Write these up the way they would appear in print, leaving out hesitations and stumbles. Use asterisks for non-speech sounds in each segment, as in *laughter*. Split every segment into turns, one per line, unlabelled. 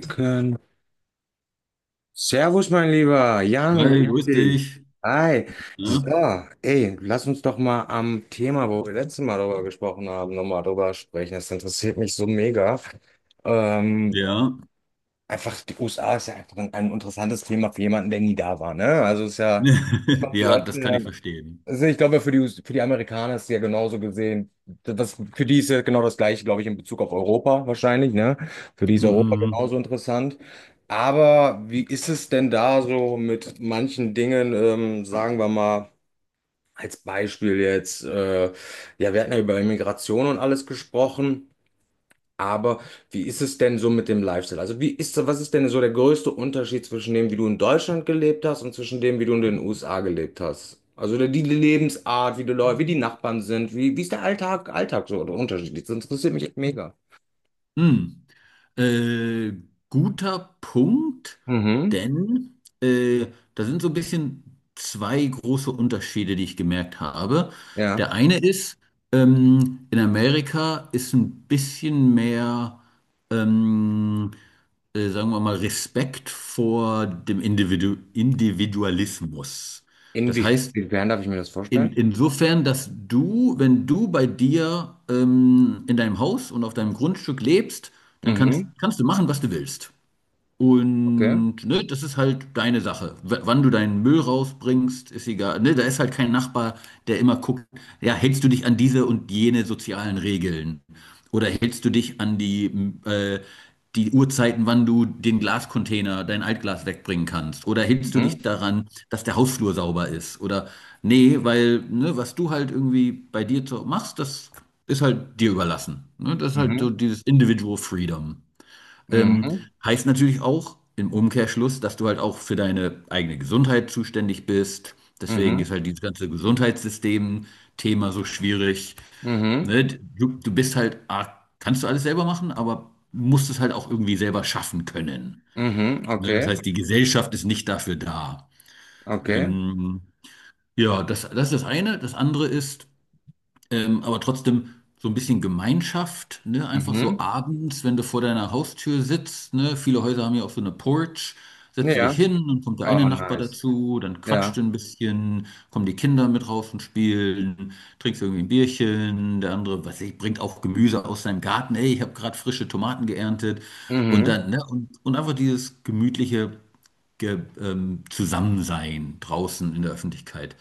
Können. Servus, mein lieber Jan,
Hi,
grüß
grüß
dich.
dich.
Hi. So,
Ja,
ey, lass uns doch mal am Thema, wo wir letztes Mal darüber gesprochen haben, nochmal drüber sprechen. Das interessiert mich so mega. Ähm,
ja.
Einfach, die USA ist ja einfach ein interessantes Thema für jemanden, der nie da war, ne? Also ist ja
*laughs* Ja,
komplett.
das kann ich verstehen.
Also ich glaube, US für die Amerikaner ist es ja genauso gesehen, für die ist ja genau das Gleiche, glaube ich, in Bezug auf Europa wahrscheinlich, ne? Für die ist Europa
Mhm.
genauso interessant. Aber wie ist es denn da so mit manchen Dingen, sagen wir mal, als Beispiel jetzt, ja, wir hatten ja über Immigration und alles gesprochen. Aber wie ist es denn so mit dem Lifestyle? Also was ist denn so der größte Unterschied zwischen dem, wie du in Deutschland gelebt hast und zwischen dem, wie du in den USA gelebt hast? Also die Lebensart, wie die Leute, wie die Nachbarn sind, wie ist der Alltag, Alltag so oder unterschiedlich? Das interessiert mich echt mega.
Hm. Äh, Guter Punkt,
Mhm.
denn da sind so ein bisschen zwei große Unterschiede, die ich gemerkt habe.
Ja.
Der eine ist, in Amerika ist ein bisschen mehr, ähm, sagen wir mal, Respekt vor dem Individualismus. Das heißt,
Inwiefern darf ich mir das vorstellen?
Insofern, dass du, wenn du bei dir in deinem Haus und auf deinem Grundstück lebst, dann
Mhm.
kannst du machen, was du willst.
Okay.
Und ne, das ist halt deine Sache. W Wann du deinen Müll rausbringst, ist egal. Ne, da ist halt kein Nachbar, der immer guckt, ja, hältst du dich an diese und jene sozialen Regeln? Oder hältst du dich an die Uhrzeiten, wann du den Glascontainer, dein Altglas wegbringen kannst? Oder hältst du dich
Mhm.
daran, dass der Hausflur sauber ist? Oder nee, weil ne, was du halt irgendwie bei dir machst, das ist halt dir überlassen. Ne, das ist halt so
Mhm.
dieses Individual Freedom. Ähm,
Mhm.
Heißt natürlich auch im Umkehrschluss, dass du halt auch für deine eigene Gesundheit zuständig bist. Deswegen ist
Mhm.
halt dieses ganze Gesundheitssystem-Thema so schwierig.
Mhm.
Ne? Du bist halt, kannst du alles selber machen, aber musst es halt auch irgendwie selber schaffen können.
Mhm.
Ne? Das heißt,
Okay.
die Gesellschaft ist nicht dafür da.
Okay.
Ähm, ja, das ist das eine. Das andere ist, aber trotzdem so ein bisschen Gemeinschaft, ne? Einfach so
Mhm.
abends, wenn du vor deiner Haustür sitzt, ne? Viele Häuser haben ja auch so eine Porch. Setzt du dich
Ja.
hin und kommt der eine
Oh,
Nachbar
nice.
dazu, dann quatscht
Ja.
du ein bisschen, kommen die Kinder mit raus und spielen, trinkst irgendwie ein Bierchen, der andere, was weiß ich, bringt auch Gemüse aus seinem Garten, ey, ich habe gerade frische Tomaten geerntet und
Mhm.
dann, ne, und einfach dieses gemütliche Ge Zusammensein draußen in der Öffentlichkeit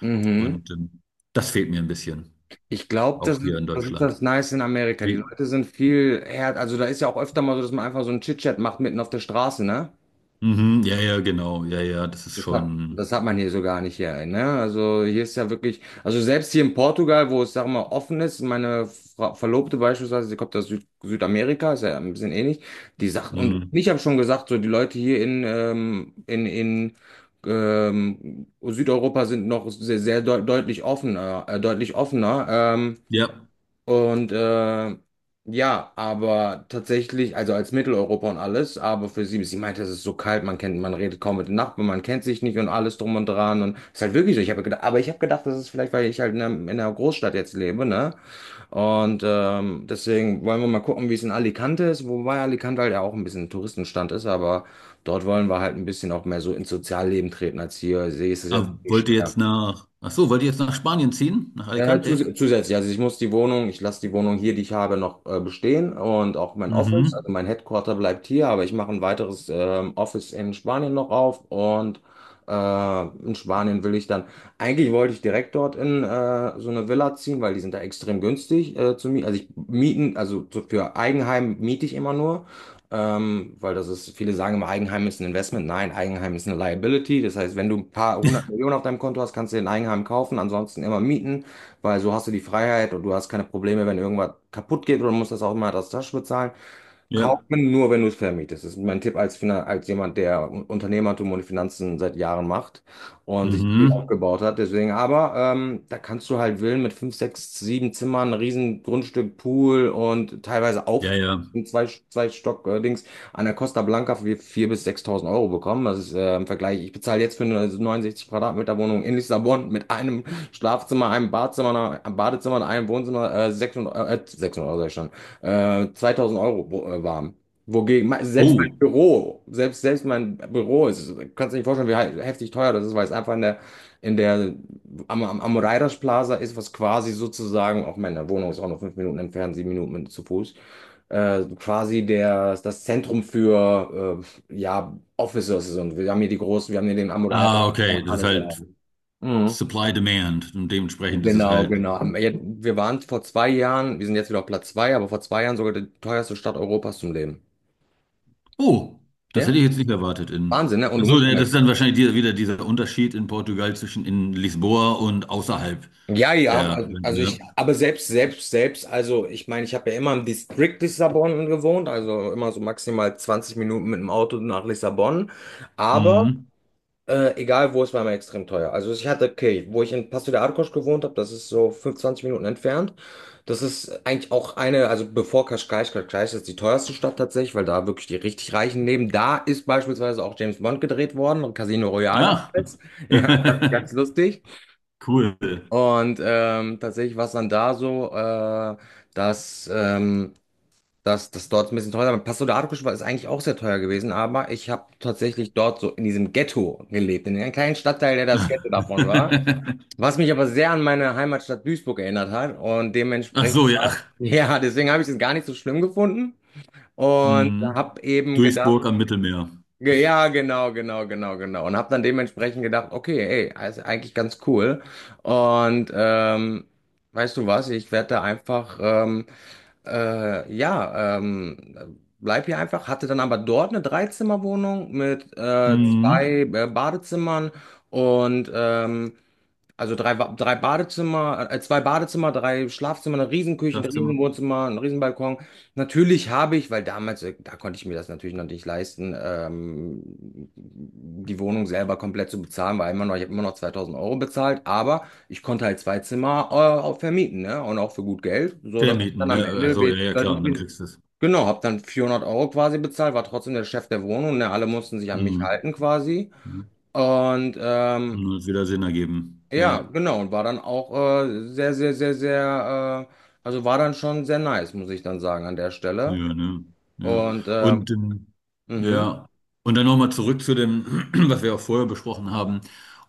Mhm.
und das fehlt mir ein bisschen.
Ich glaube, das
Auch
ist,
hier in
das ist
Deutschland.
das Nice in Amerika. Die
Wie?
Leute sind viel härter. Also da ist ja auch öfter mal so, dass man einfach so einen Chit-Chat macht mitten auf der Straße, ne?
Mhm, ja, ja, genau. Ja, ja, das ist
Das hat,
schon.
das hat man hier so gar nicht hier, ne? Also hier ist ja wirklich, also selbst hier in Portugal, wo es, sag mal, offen ist, meine Fra Verlobte beispielsweise, sie kommt aus Südamerika, ist ja ein bisschen ähnlich, die sagt, und
Mhm.
ich habe schon gesagt, so die Leute hier in Südeuropa sind noch sehr, sehr deutlich offener, deutlich offener.
Ja.
Und ja, aber tatsächlich, also als Mitteleuropa und alles, aber für sie meinte, es ist so kalt, man redet kaum mit den Nachbarn, man kennt sich nicht und alles drum und dran. Und es ist halt wirklich so. Ich habe gedacht, aber ich habe gedacht, das ist vielleicht, weil ich halt in einer Großstadt jetzt lebe, ne? Und deswegen wollen wir mal gucken, wie es in Alicante ist, wobei Alicante halt ja auch ein bisschen ein Touristenstand ist, aber dort wollen wir halt ein bisschen auch mehr so ins Sozialleben treten als hier. See ist es jetzt
Ah,
nicht
wollt ihr jetzt
schwer.
nach. Ach so, wollt ihr jetzt nach Spanien ziehen? Nach Alicante?
Zusätzlich, also ich muss die Wohnung, ich lasse die Wohnung hier, die ich habe, noch bestehen, und auch mein Office,
Mhm.
also mein Headquarter bleibt hier, aber ich mache ein weiteres Office in Spanien noch auf und in Spanien will ich dann, eigentlich wollte ich direkt dort in so eine Villa ziehen, weil die sind da extrem günstig zu mieten, also ich mieten, also so für Eigenheim miete ich immer nur. Weil das ist, viele sagen immer, Eigenheim ist ein Investment. Nein, Eigenheim ist eine Liability. Das heißt, wenn du ein paar hundert
*laughs*
Millionen auf deinem Konto hast, kannst du den Eigenheim kaufen, ansonsten immer mieten, weil so hast du die Freiheit und du hast keine Probleme, wenn irgendwas kaputt geht oder musst das auch immer aus der Tasche bezahlen.
Ja.
Kauft man nur, wenn du es vermietest. Das ist mein Tipp als, Finan als jemand, der Unternehmertum und Finanzen seit Jahren macht und sich viel
Mhm.
aufgebaut hat. Deswegen, aber da kannst du halt Villen mit fünf, sechs, sieben Zimmern, riesen Grundstück, Pool und teilweise auf
Ja, ja.
zwei Stock Dings an der Costa Blanca für 4.000 bis 6.000 Euro bekommen. Das ist im Vergleich. Ich bezahle jetzt für eine 69 Quadratmeter Wohnung in Lissabon mit einem Schlafzimmer, einem Badezimmer und einem Wohnzimmer, 600 600 Euro, 2000 Euro waren. Wogegen, selbst mein
Oh.
Büro, selbst mein Büro, ist, kannst du dir nicht vorstellen, wie heftig teuer das ist, weil es einfach in der, am, am, am Raiders Plaza ist, was quasi sozusagen, auch meine Wohnung ist auch noch 5 Minuten entfernt, 7 Minuten zu Fuß, quasi das Zentrum für, ja, Officers, und wir haben hier den Amoreider
Ah, okay.
und
Das ist
alles. Ja.
halt
Mhm.
Supply Demand. Und dementsprechend ist es
Genau,
halt.
genau. Ja, wir waren vor 2 Jahren, wir sind jetzt wieder auf Platz zwei, aber vor 2 Jahren sogar die teuerste Stadt Europas zum Leben.
Oh, das
Ja,
hätte ich jetzt nicht erwartet in.
Wahnsinn, ne? Und
Ach
du
so,
musst noch
ne, das
mal.
ist dann wahrscheinlich dieser, wieder dieser Unterschied in Portugal zwischen in Lisboa und außerhalb
Ja, ja,
der.
also
Ne?
ich, aber selbst, also ich meine, ich habe ja immer im Distrikt Lissabon gewohnt, also immer so maximal 20 Minuten mit dem Auto nach Lissabon. Aber
Mhm.
Egal wo, es war immer extrem teuer. Also ich hatte, okay, wo ich in Paso de Arcos gewohnt habe, das ist so 25 Minuten entfernt. Das ist eigentlich auch eine, also bevor Cascais, Cascais ist die teuerste Stadt tatsächlich, weil da wirklich die richtig Reichen leben. Da ist beispielsweise auch James Bond gedreht worden, Casino Royale
Ja.
damals. *laughs* Ja, ganz,
*laughs*
ganz lustig.
Cool.
Und tatsächlich war es dann da so, dass das dort ist ein bisschen teurer. Passo de Arcos ist eigentlich auch sehr teuer gewesen, aber ich habe tatsächlich dort so in diesem Ghetto gelebt, in einem kleinen Stadtteil, der das Ghetto davon war.
*laughs*
Was mich aber sehr an meine Heimatstadt Duisburg erinnert hat und
Ach so,
dementsprechend,
ja.
*laughs* ja, deswegen habe ich es gar nicht so schlimm gefunden und
Mhm.
habe eben gedacht,
Duisburg am Mittelmeer.
ja, genau, genau, genau, genau. Und habe dann dementsprechend gedacht, okay, ey, ist eigentlich ganz cool. Und weißt du was, ich werde da einfach. Ja, bleib hier einfach, hatte dann aber dort eine Dreizimmerwohnung mit
Mhm.
zwei Badezimmer und also drei, drei Badezimmer, zwei Badezimmer, drei Schlafzimmer, eine Riesenküche, ein
Schlafzimmer.
Riesenwohnzimmer, ein Riesenbalkon. Natürlich habe ich, weil damals, da konnte ich mir das natürlich noch nicht leisten, die Wohnung selber komplett zu bezahlen, weil immer noch, ich habe immer noch 2000 Euro bezahlt, aber ich konnte halt zwei Zimmer, auch vermieten, ne? Und auch für gut Geld, so dass ich
Vermieten,
dann am
ne? Ach
Ende
so, ja, ja, klar.
deutlich
Und dann
bin.
kriegst du es.
Genau, habe dann 400 Euro quasi bezahlt, war trotzdem der Chef der Wohnung, ne? Alle mussten sich an mich
Mhm.
halten quasi.
Mhm.
Und
Und das wird wieder Sinn ergeben.
ja,
Ja.
genau. Und war dann auch sehr, sehr, sehr, sehr, also war dann schon sehr nice, muss ich dann sagen, an der Stelle.
Ja, ne?
Mhm.
Ja.
Und,
Und
mhm,
ja, und dann nochmal zurück zu dem, *clears throat* was wir auch vorher besprochen haben.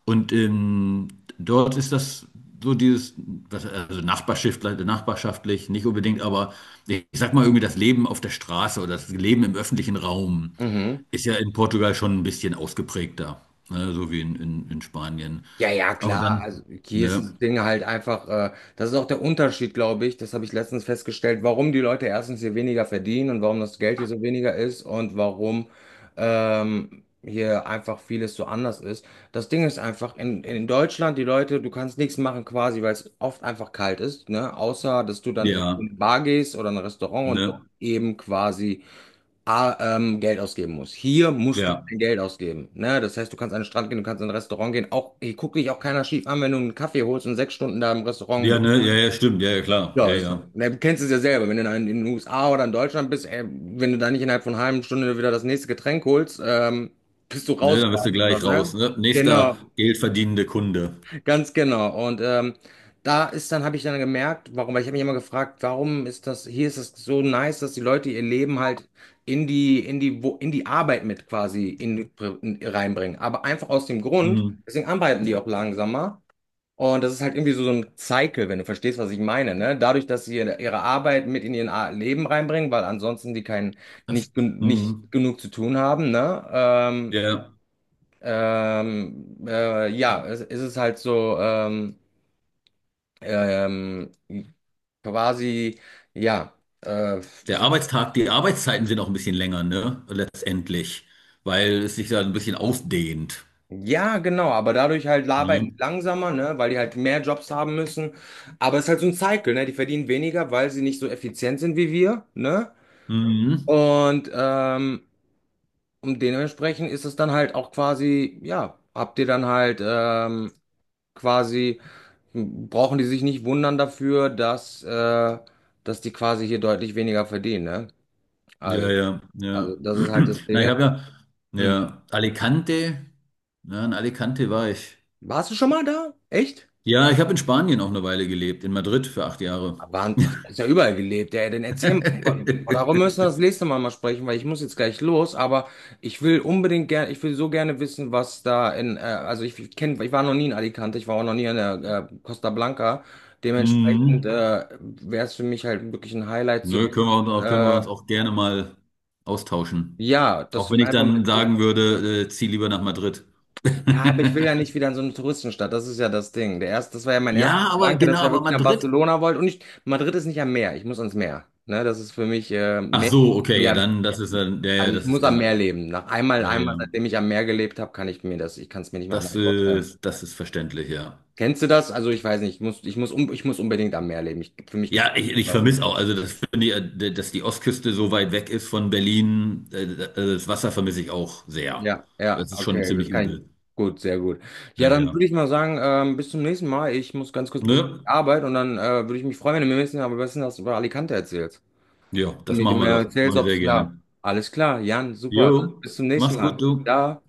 Und dort ist das so dieses, was, also nachbarschaftlich, nachbarschaftlich, nicht unbedingt, aber ich sag mal irgendwie das Leben auf der Straße oder das Leben im öffentlichen Raum
mhm.
ist ja in Portugal schon ein bisschen ausgeprägter, ne? So wie in Spanien.
Ja, ja,
Aber
klar.
dann,
Also hier ist
ne?
das Ding halt einfach, das ist auch der Unterschied, glaube ich. Das habe ich letztens festgestellt, warum die Leute erstens hier weniger verdienen und warum das Geld hier so weniger ist und warum hier einfach vieles so anders ist. Das Ding ist einfach, in Deutschland, die Leute, du kannst nichts machen quasi, weil es oft einfach kalt ist, ne? Außer, dass du dann irgendwie in
Ja,
eine Bar gehst oder in ein Restaurant und dort
ne?
eben quasi Geld ausgeben musst. Hier musst du
Ja.
kein Geld ausgeben. Ne? Das heißt, du kannst an den Strand gehen, du kannst in ein Restaurant gehen. Auch, hier guckt dich auch keiner schief an, wenn du einen Kaffee holst und 6 Stunden da im Restaurant
Ja,
bist.
ne? Ja, ja, stimmt. Ja, ja, klar. Ja,
Ja, ist,
ja.
ne, du kennst es ja selber, wenn du in den USA oder in Deutschland bist, ey, wenn du da nicht innerhalb von einer halben Stunde wieder das nächste Getränk holst, bist du
Ne,
raus,
dann bist du
quasi, oder,
gleich raus.
ne?
Ne? Nächster
Genau.
geldverdienende Kunde.
Ganz genau. Und da ist dann, habe ich dann gemerkt, warum, weil ich habe mich immer gefragt, warum ist das, hier ist es so nice, dass die Leute ihr Leben halt in die Arbeit mit quasi reinbringen. Aber einfach aus dem Grund,
Hm.
deswegen arbeiten die auch langsamer. Und das ist halt irgendwie so ein Cycle, wenn du verstehst, was ich meine, ne? Dadurch, dass sie ihre Arbeit mit in ihr Leben reinbringen, weil ansonsten die keinen,
Das,
nicht, nicht
hm.
genug zu tun haben, ne?
Der,
Ja, es ist halt so, ähm, quasi, ja, äh, wie
Der
soll ich-
Arbeitstag, die Arbeitszeiten sind auch ein bisschen länger, ne? Letztendlich. Weil es sich da ein bisschen ausdehnt.
ja, genau, aber dadurch halt
Ne?
arbeiten die langsamer, ne, weil die halt mehr Jobs haben müssen. Aber es ist halt so ein Cycle, ne, die verdienen weniger, weil sie nicht so effizient sind wie wir, ne?
Mhm.
Und, ähm, und dementsprechend ist es dann halt auch quasi, ja, habt ihr dann halt, quasi brauchen die sich nicht wundern dafür, dass die quasi hier deutlich weniger verdienen, ne?
Ja,
Also,
ja,
also
ja.
das ist halt das
*clears throat* Na,
Ding, ne? Mhm.
ja, Alicante. Ja, in Alicante war ich.
Warst du schon mal da? Echt?
Ja, ich habe in Spanien auch eine Weile gelebt, in Madrid für 8 Jahre.
War, ist ja überall gelebt. Ja, dann erzähl mal. Darum
*laughs*
müssen wir das nächste Mal mal sprechen, weil ich muss jetzt gleich los, aber ich will unbedingt gerne, ich will so gerne wissen, was da in, also ich, kenne, ich war noch nie in Alicante, ich war auch noch nie in der Costa Blanca. Dementsprechend
Mhm.
wäre es für mich halt wirklich ein Highlight zu
Nö,
wissen,
können wir uns auch gerne mal austauschen.
ja, dass
Auch
du
wenn
mir
ich
einfach
dann
mal.
sagen würde, zieh lieber nach Madrid.
Ja, aber ich will ja nicht
*laughs*
wieder in so eine Touristenstadt. Das ist ja das Ding. Der erste, das war ja mein erster
Ja, aber
Gedanke, dass
genau,
ich ja
aber
wirklich nach
Madrid.
Barcelona wollte. Und ich, Madrid ist nicht am Meer. Ich muss ans Meer. Ne, das ist für mich
Ach
Meer,
so, okay, ja,
Meer.
das ist dann,
Also ich
das
muss
ist
am Meer leben. Nach einmal, einmal,
ja.
seitdem ich am Meer gelebt habe, kann ich mir das, ich kann es mir nicht mehr anders vorstellen.
Das ist verständlich, ja.
Kennst du das? Also ich weiß nicht. Ich muss unbedingt am Meer leben. Ich, für mich gibt es.
Ja, ich vermisse auch, also das finde ich, dass die Ostküste so weit weg ist von Berlin, also das Wasser vermisse ich auch sehr.
Ja, ja,
Das ist schon
okay, das
ziemlich
kann ich.
übel.
Gut, sehr gut.
Ja,
Ja, dann würde
ja.
ich mal sagen, bis zum nächsten Mal. Ich muss ganz kurz ein bisschen in
Ne?
die Arbeit und dann würde ich mich freuen, wenn du mir ein bisschen aber besten was über Alicante erzählst.
Ja,
Und
das
mir
machen wir
mehr
doch.
erzählst,
Mache ich
ob es
sehr
ja.
gerne.
Alles klar, Jan, super.
Jo,
Dann bis zum nächsten
mach's gut,
Mal.
du.
Ja.